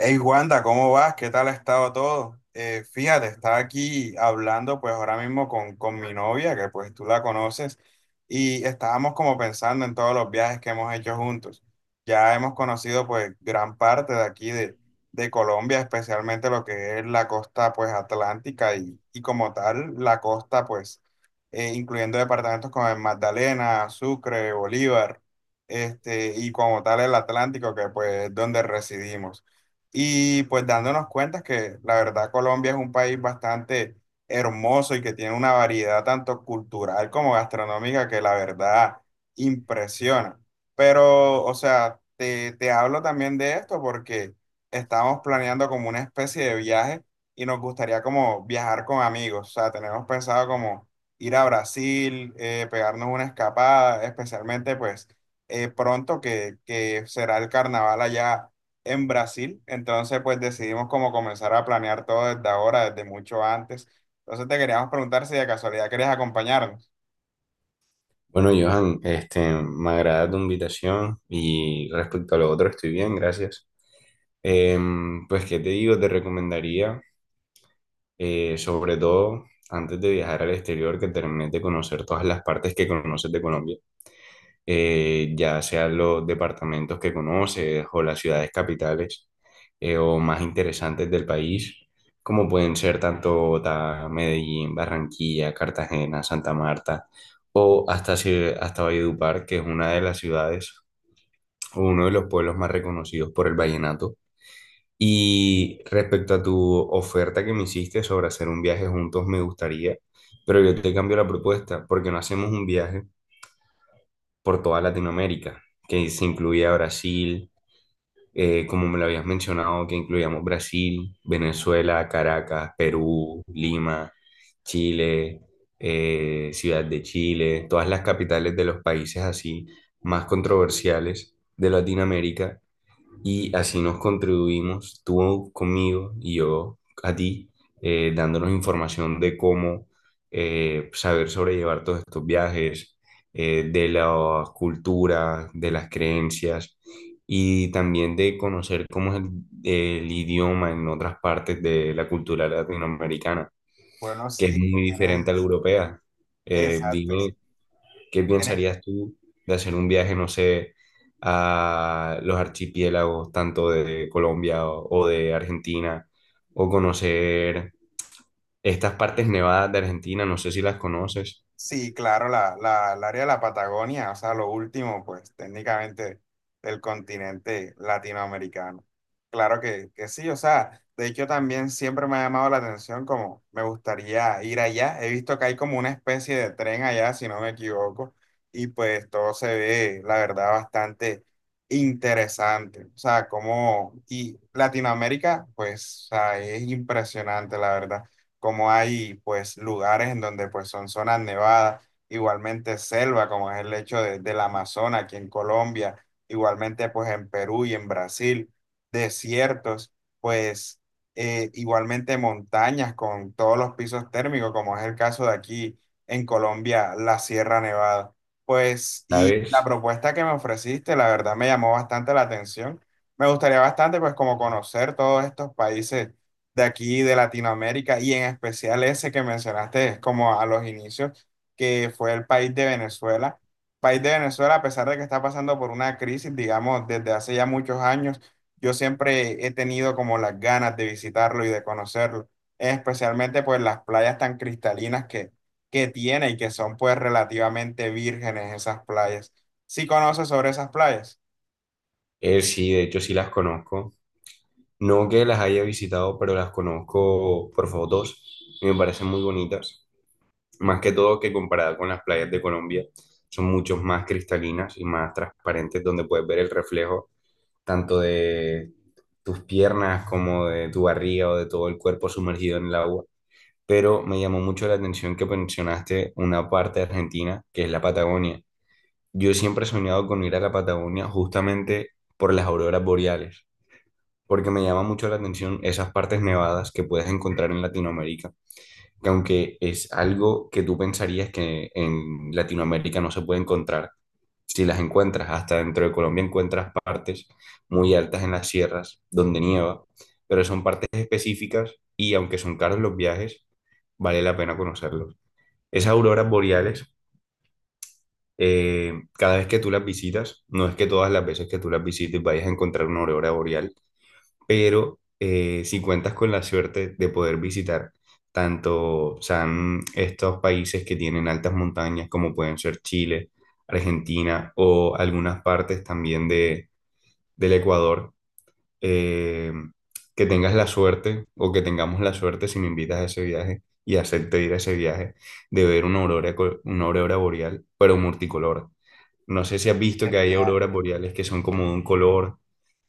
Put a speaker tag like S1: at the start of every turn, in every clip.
S1: Hey Wanda, ¿cómo vas? ¿Qué tal ha estado todo? Fíjate, estaba aquí hablando pues ahora mismo con mi novia, que pues tú la conoces, y estábamos como pensando en todos los viajes que hemos hecho juntos. Ya hemos conocido pues gran parte de aquí de Colombia, especialmente lo que es la costa pues atlántica y como tal la costa pues incluyendo departamentos como el Magdalena, Sucre, Bolívar, este, y como tal el Atlántico, que pues es donde residimos. Y pues dándonos cuenta que la verdad Colombia es un país bastante hermoso y que tiene una variedad tanto cultural como gastronómica que la verdad impresiona. Pero, o sea, te hablo también de esto porque estamos planeando como una especie de viaje y nos gustaría como viajar con amigos. O sea, tenemos pensado como ir a Brasil, pegarnos una escapada, especialmente pues pronto que será el carnaval allá en Brasil, entonces pues decidimos como comenzar a planear todo desde ahora, desde mucho antes. Entonces te queríamos preguntar si de casualidad querías acompañarnos.
S2: Bueno, Johan, me agrada tu invitación y respecto a lo otro estoy bien, gracias. Pues, ¿qué te digo? Te recomendaría, sobre todo antes de viajar al exterior, que termines de conocer todas las partes que conoces de Colombia, ya sean los departamentos que conoces o las ciudades capitales o más interesantes del país, como pueden ser tanto Bogotá, Medellín, Barranquilla, Cartagena, Santa Marta o hasta, hasta Valledupar, que es una de las ciudades o uno de los pueblos más reconocidos por el vallenato. Y respecto a tu oferta que me hiciste sobre hacer un viaje juntos, me gustaría, pero yo te cambio la propuesta, porque no hacemos un viaje por toda Latinoamérica, que se incluía Brasil, como me lo habías mencionado, que incluíamos Brasil, Venezuela, Caracas, Perú, Lima, Chile, Ciudad de Chile, todas las capitales de los países así más controversiales de Latinoamérica y así nos contribuimos, tú conmigo y yo a ti, dándonos información de cómo saber sobrellevar todos estos viajes, de las culturas, de las creencias y también de conocer cómo es el idioma en otras partes de la cultura latinoamericana,
S1: Bueno,
S2: que es
S1: sí,
S2: muy diferente a la
S1: tienes,
S2: europea.
S1: exacto.
S2: Dime, ¿qué
S1: Tienes,
S2: pensarías tú de hacer un viaje, no sé, a los archipiélagos, tanto de Colombia o de Argentina, o conocer estas partes nevadas de Argentina? No sé si las conoces,
S1: sí, claro, el área de la Patagonia, o sea, lo último, pues técnicamente del continente latinoamericano. Claro que sí, o sea, de hecho también siempre me ha llamado la atención como me gustaría ir allá. He visto que hay como una especie de tren allá, si no me equivoco, y pues todo se ve, la verdad, bastante interesante. O sea, como, y Latinoamérica, pues, o sea, es impresionante, la verdad como hay pues lugares en donde pues son zonas nevadas, igualmente selva, como es el hecho del Amazonas aquí en Colombia, igualmente pues en Perú y en Brasil, desiertos, pues igualmente montañas con todos los pisos térmicos, como es el caso de aquí en Colombia, la Sierra Nevada. Pues, y la
S2: ¿sabes?
S1: propuesta que me ofreciste, la verdad me llamó bastante la atención. Me gustaría bastante, pues, como conocer todos estos países de aquí, de Latinoamérica, y en especial ese que mencionaste, es como a los inicios, que fue el país de Venezuela. País de Venezuela, a pesar de que está pasando por una crisis, digamos, desde hace ya muchos años, yo siempre he tenido como las ganas de visitarlo y de conocerlo, especialmente pues las playas tan cristalinas que tiene y que son pues relativamente vírgenes esas playas. ¿Sí conoces sobre esas playas?
S2: Sí, de hecho sí las conozco. No que las haya visitado, pero las conozco por fotos y me parecen muy bonitas. Más que todo que comparada con las playas de Colombia, son mucho más cristalinas y más transparentes, donde puedes ver el reflejo tanto de tus piernas como de tu barriga o de todo el cuerpo sumergido en el agua. Pero me llamó mucho la atención que mencionaste una parte de Argentina, que es la Patagonia. Yo siempre he soñado con ir a la Patagonia justamente por las auroras boreales, porque me llama mucho la atención esas partes nevadas que puedes encontrar en Latinoamérica, que aunque es algo que tú pensarías que en Latinoamérica no se puede encontrar, si las encuentras. Hasta dentro de Colombia encuentras partes muy altas en las sierras donde nieva, pero son partes específicas y aunque son caros los viajes, vale la pena conocerlos. Esas auroras boreales, cada vez que tú las visitas, no es que todas las veces que tú las visites vayas a encontrar una aurora boreal, pero si cuentas con la suerte de poder visitar tanto, o sea, estos países que tienen altas montañas como pueden ser Chile, Argentina o algunas partes también del Ecuador, eh, que tengas la suerte o que tengamos la suerte si me invitas a ese viaje y acepto ir a ese viaje de ver una aurora, una aurora boreal, pero multicolor. No sé si has visto que hay
S1: Sería
S2: auroras boreales que son como de un color,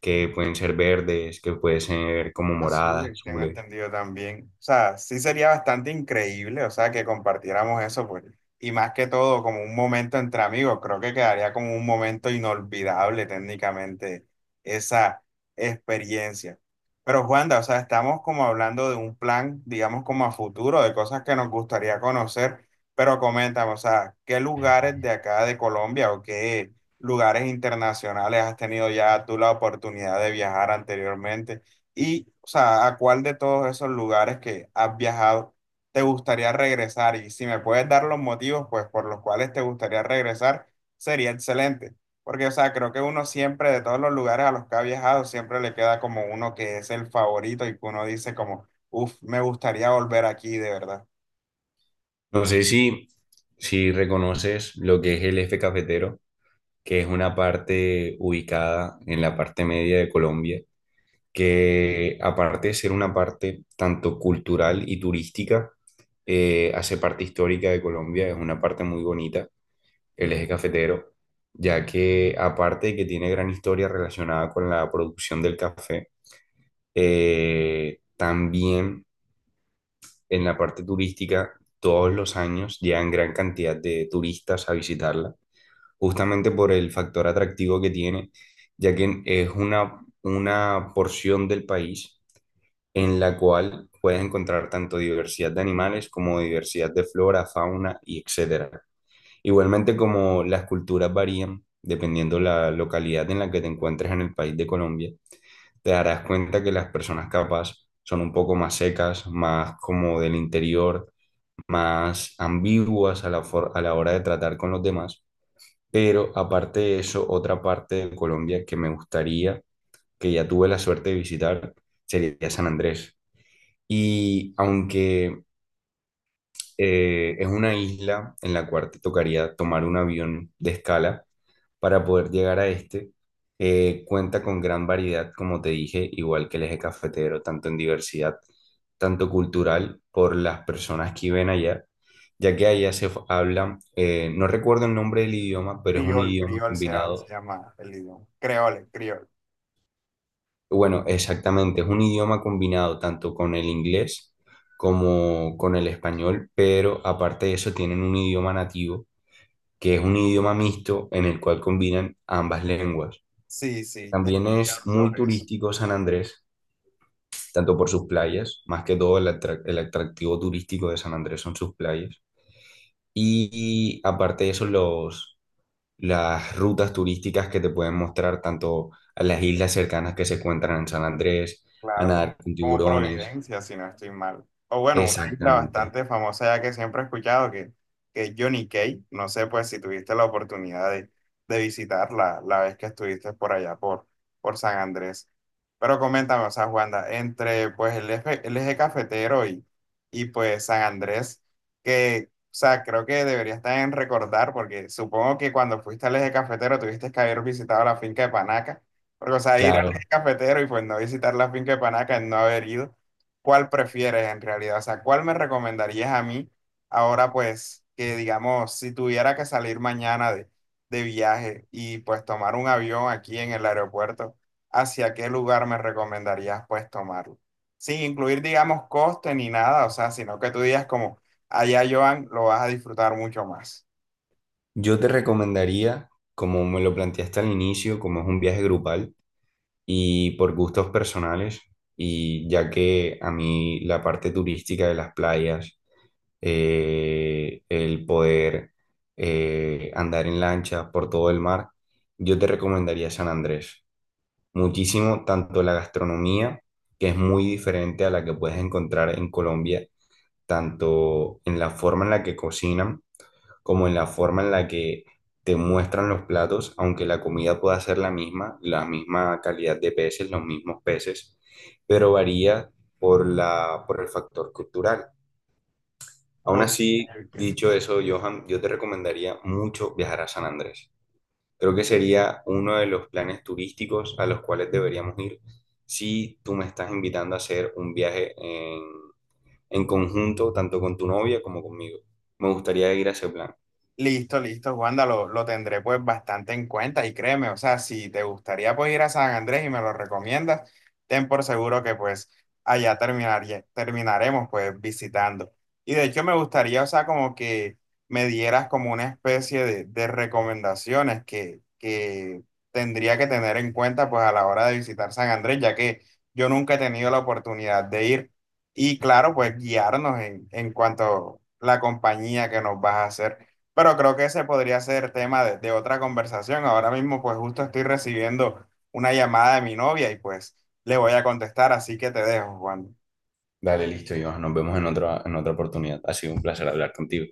S2: que pueden ser verdes, que pueden ser como moradas,
S1: azules, tengo
S2: azules.
S1: entendido también. O sea, sí sería bastante increíble, o sea, que compartiéramos eso, pues. Y más que todo, como un momento entre amigos, creo que quedaría como un momento inolvidable técnicamente esa experiencia. Pero Juanda, o sea, estamos como hablando de un plan, digamos, como a futuro, de cosas que nos gustaría conocer, pero coméntame, o sea, ¿qué lugares de acá de Colombia o qué lugares internacionales has tenido ya tú la oportunidad de viajar anteriormente? Y, o sea, ¿a cuál de todos esos lugares que has viajado te gustaría regresar? Y si me puedes dar los motivos, pues, por los cuales te gustaría regresar, sería excelente. Porque, o sea, creo que uno siempre, de todos los lugares a los que ha viajado, siempre le queda como uno que es el favorito y que uno dice como, uff, me gustaría volver aquí, de verdad.
S2: No sé si reconoces lo que es el eje cafetero, que es una parte ubicada en la parte media de Colombia, que aparte de ser una parte tanto cultural y turística, hace parte histórica de Colombia, es una parte muy bonita el eje cafetero, ya que aparte de que tiene gran historia relacionada con la producción del café, también en la parte turística todos los años llegan gran cantidad de turistas a visitarla, justamente por el factor atractivo que tiene, ya que es una porción del país en la cual puedes encontrar tanto diversidad de animales como diversidad de flora, fauna y etcétera. Igualmente como las culturas varían dependiendo la localidad en la que te encuentres en el país de Colombia, te darás cuenta que las personas capaz son un poco más secas, más como del interior, más ambiguas a la, a la hora de tratar con los demás. Pero aparte de eso, otra parte de Colombia que me gustaría, que ya tuve la suerte de visitar, sería San Andrés. Y aunque es una isla en la cual te tocaría tomar un avión de escala para poder llegar a este. Cuenta con gran variedad, como te dije, igual que el eje cafetero, tanto en diversidad, tanto cultural, por las personas que viven allá, ya que allá habla, no recuerdo el nombre del idioma, pero es un
S1: Criol,
S2: idioma
S1: criol se
S2: combinado,
S1: llama el idioma. Creole, criol.
S2: bueno, exactamente, es un idioma combinado tanto con el inglés como con el español, pero aparte de eso tienen un idioma nativo, que es un idioma mixto en el cual combinan ambas lenguas.
S1: Sí, sí, he
S2: También es
S1: escuchado
S2: muy
S1: sobre eso.
S2: turístico San Andrés, tanto por sus playas, más que todo el atractivo turístico de San Andrés son sus playas. Y aparte de eso, las rutas turísticas que te pueden mostrar tanto a las islas cercanas que se encuentran en San Andrés, a
S1: Claro, como,
S2: nadar con
S1: como
S2: tiburones.
S1: Providencia, si no estoy mal. O bueno, una isla
S2: Exactamente.
S1: bastante famosa ya que siempre he escuchado, que es Johnny Cay. No sé pues si tuviste la oportunidad de visitarla la vez que estuviste por allá, por San Andrés. Pero coméntame, o sea, Juanda, entre pues el eje cafetero y pues San Andrés, que, o sea, creo que deberías también recordar, porque supongo que cuando fuiste al eje cafetero tuviste que haber visitado la finca de Panaca. Porque, o sea, ir
S2: Claro.
S1: cafetero y pues no visitar la finca de Panaca, el no haber ido, ¿cuál prefieres en realidad? O sea, ¿cuál me recomendarías a mí ahora pues que digamos, si tuviera que salir mañana de viaje y pues tomar un avión aquí en el aeropuerto, ¿hacia qué lugar me recomendarías pues tomarlo? Sin incluir digamos coste ni nada, o sea, sino que tú digas como, allá Joan, lo vas a disfrutar mucho más.
S2: Yo te recomendaría, como me lo planteaste al inicio, como es un viaje grupal, y por gustos personales, y ya que a mí la parte turística de las playas, el poder andar en lancha por todo el mar, yo te recomendaría San Andrés. Muchísimo, tanto la gastronomía, que es muy diferente a la que puedes encontrar en Colombia, tanto en la forma en la que cocinan, como en la forma en la que te muestran los platos, aunque la comida pueda ser la misma calidad de peces, los mismos peces, pero varía por por el factor cultural. Aún
S1: Ok,
S2: así,
S1: ok.
S2: dicho eso, Johan, yo te recomendaría mucho viajar a San Andrés. Creo que sería uno de los planes turísticos a los cuales deberíamos ir si tú me estás invitando a hacer un viaje en conjunto, tanto con tu novia como conmigo. Me gustaría ir a ese plan.
S1: Listo, listo, Wanda, lo tendré pues bastante en cuenta y créeme, o sea, si te gustaría pues ir a San Andrés y me lo recomiendas, ten por seguro que pues allá terminaría, terminaremos pues visitando. Y de hecho me gustaría, o sea, como que me dieras como una especie de recomendaciones que tendría que tener en cuenta pues a la hora de visitar San Andrés, ya que yo nunca he tenido la oportunidad de ir y claro, pues guiarnos en cuanto a la compañía que nos vas a hacer. Pero creo que ese podría ser tema de otra conversación. Ahora mismo, pues justo estoy recibiendo una llamada de mi novia y pues le voy a contestar, así que te dejo, Juan.
S2: Dale, listo, Iván. Nos vemos en otra oportunidad. Ha sido un placer hablar contigo.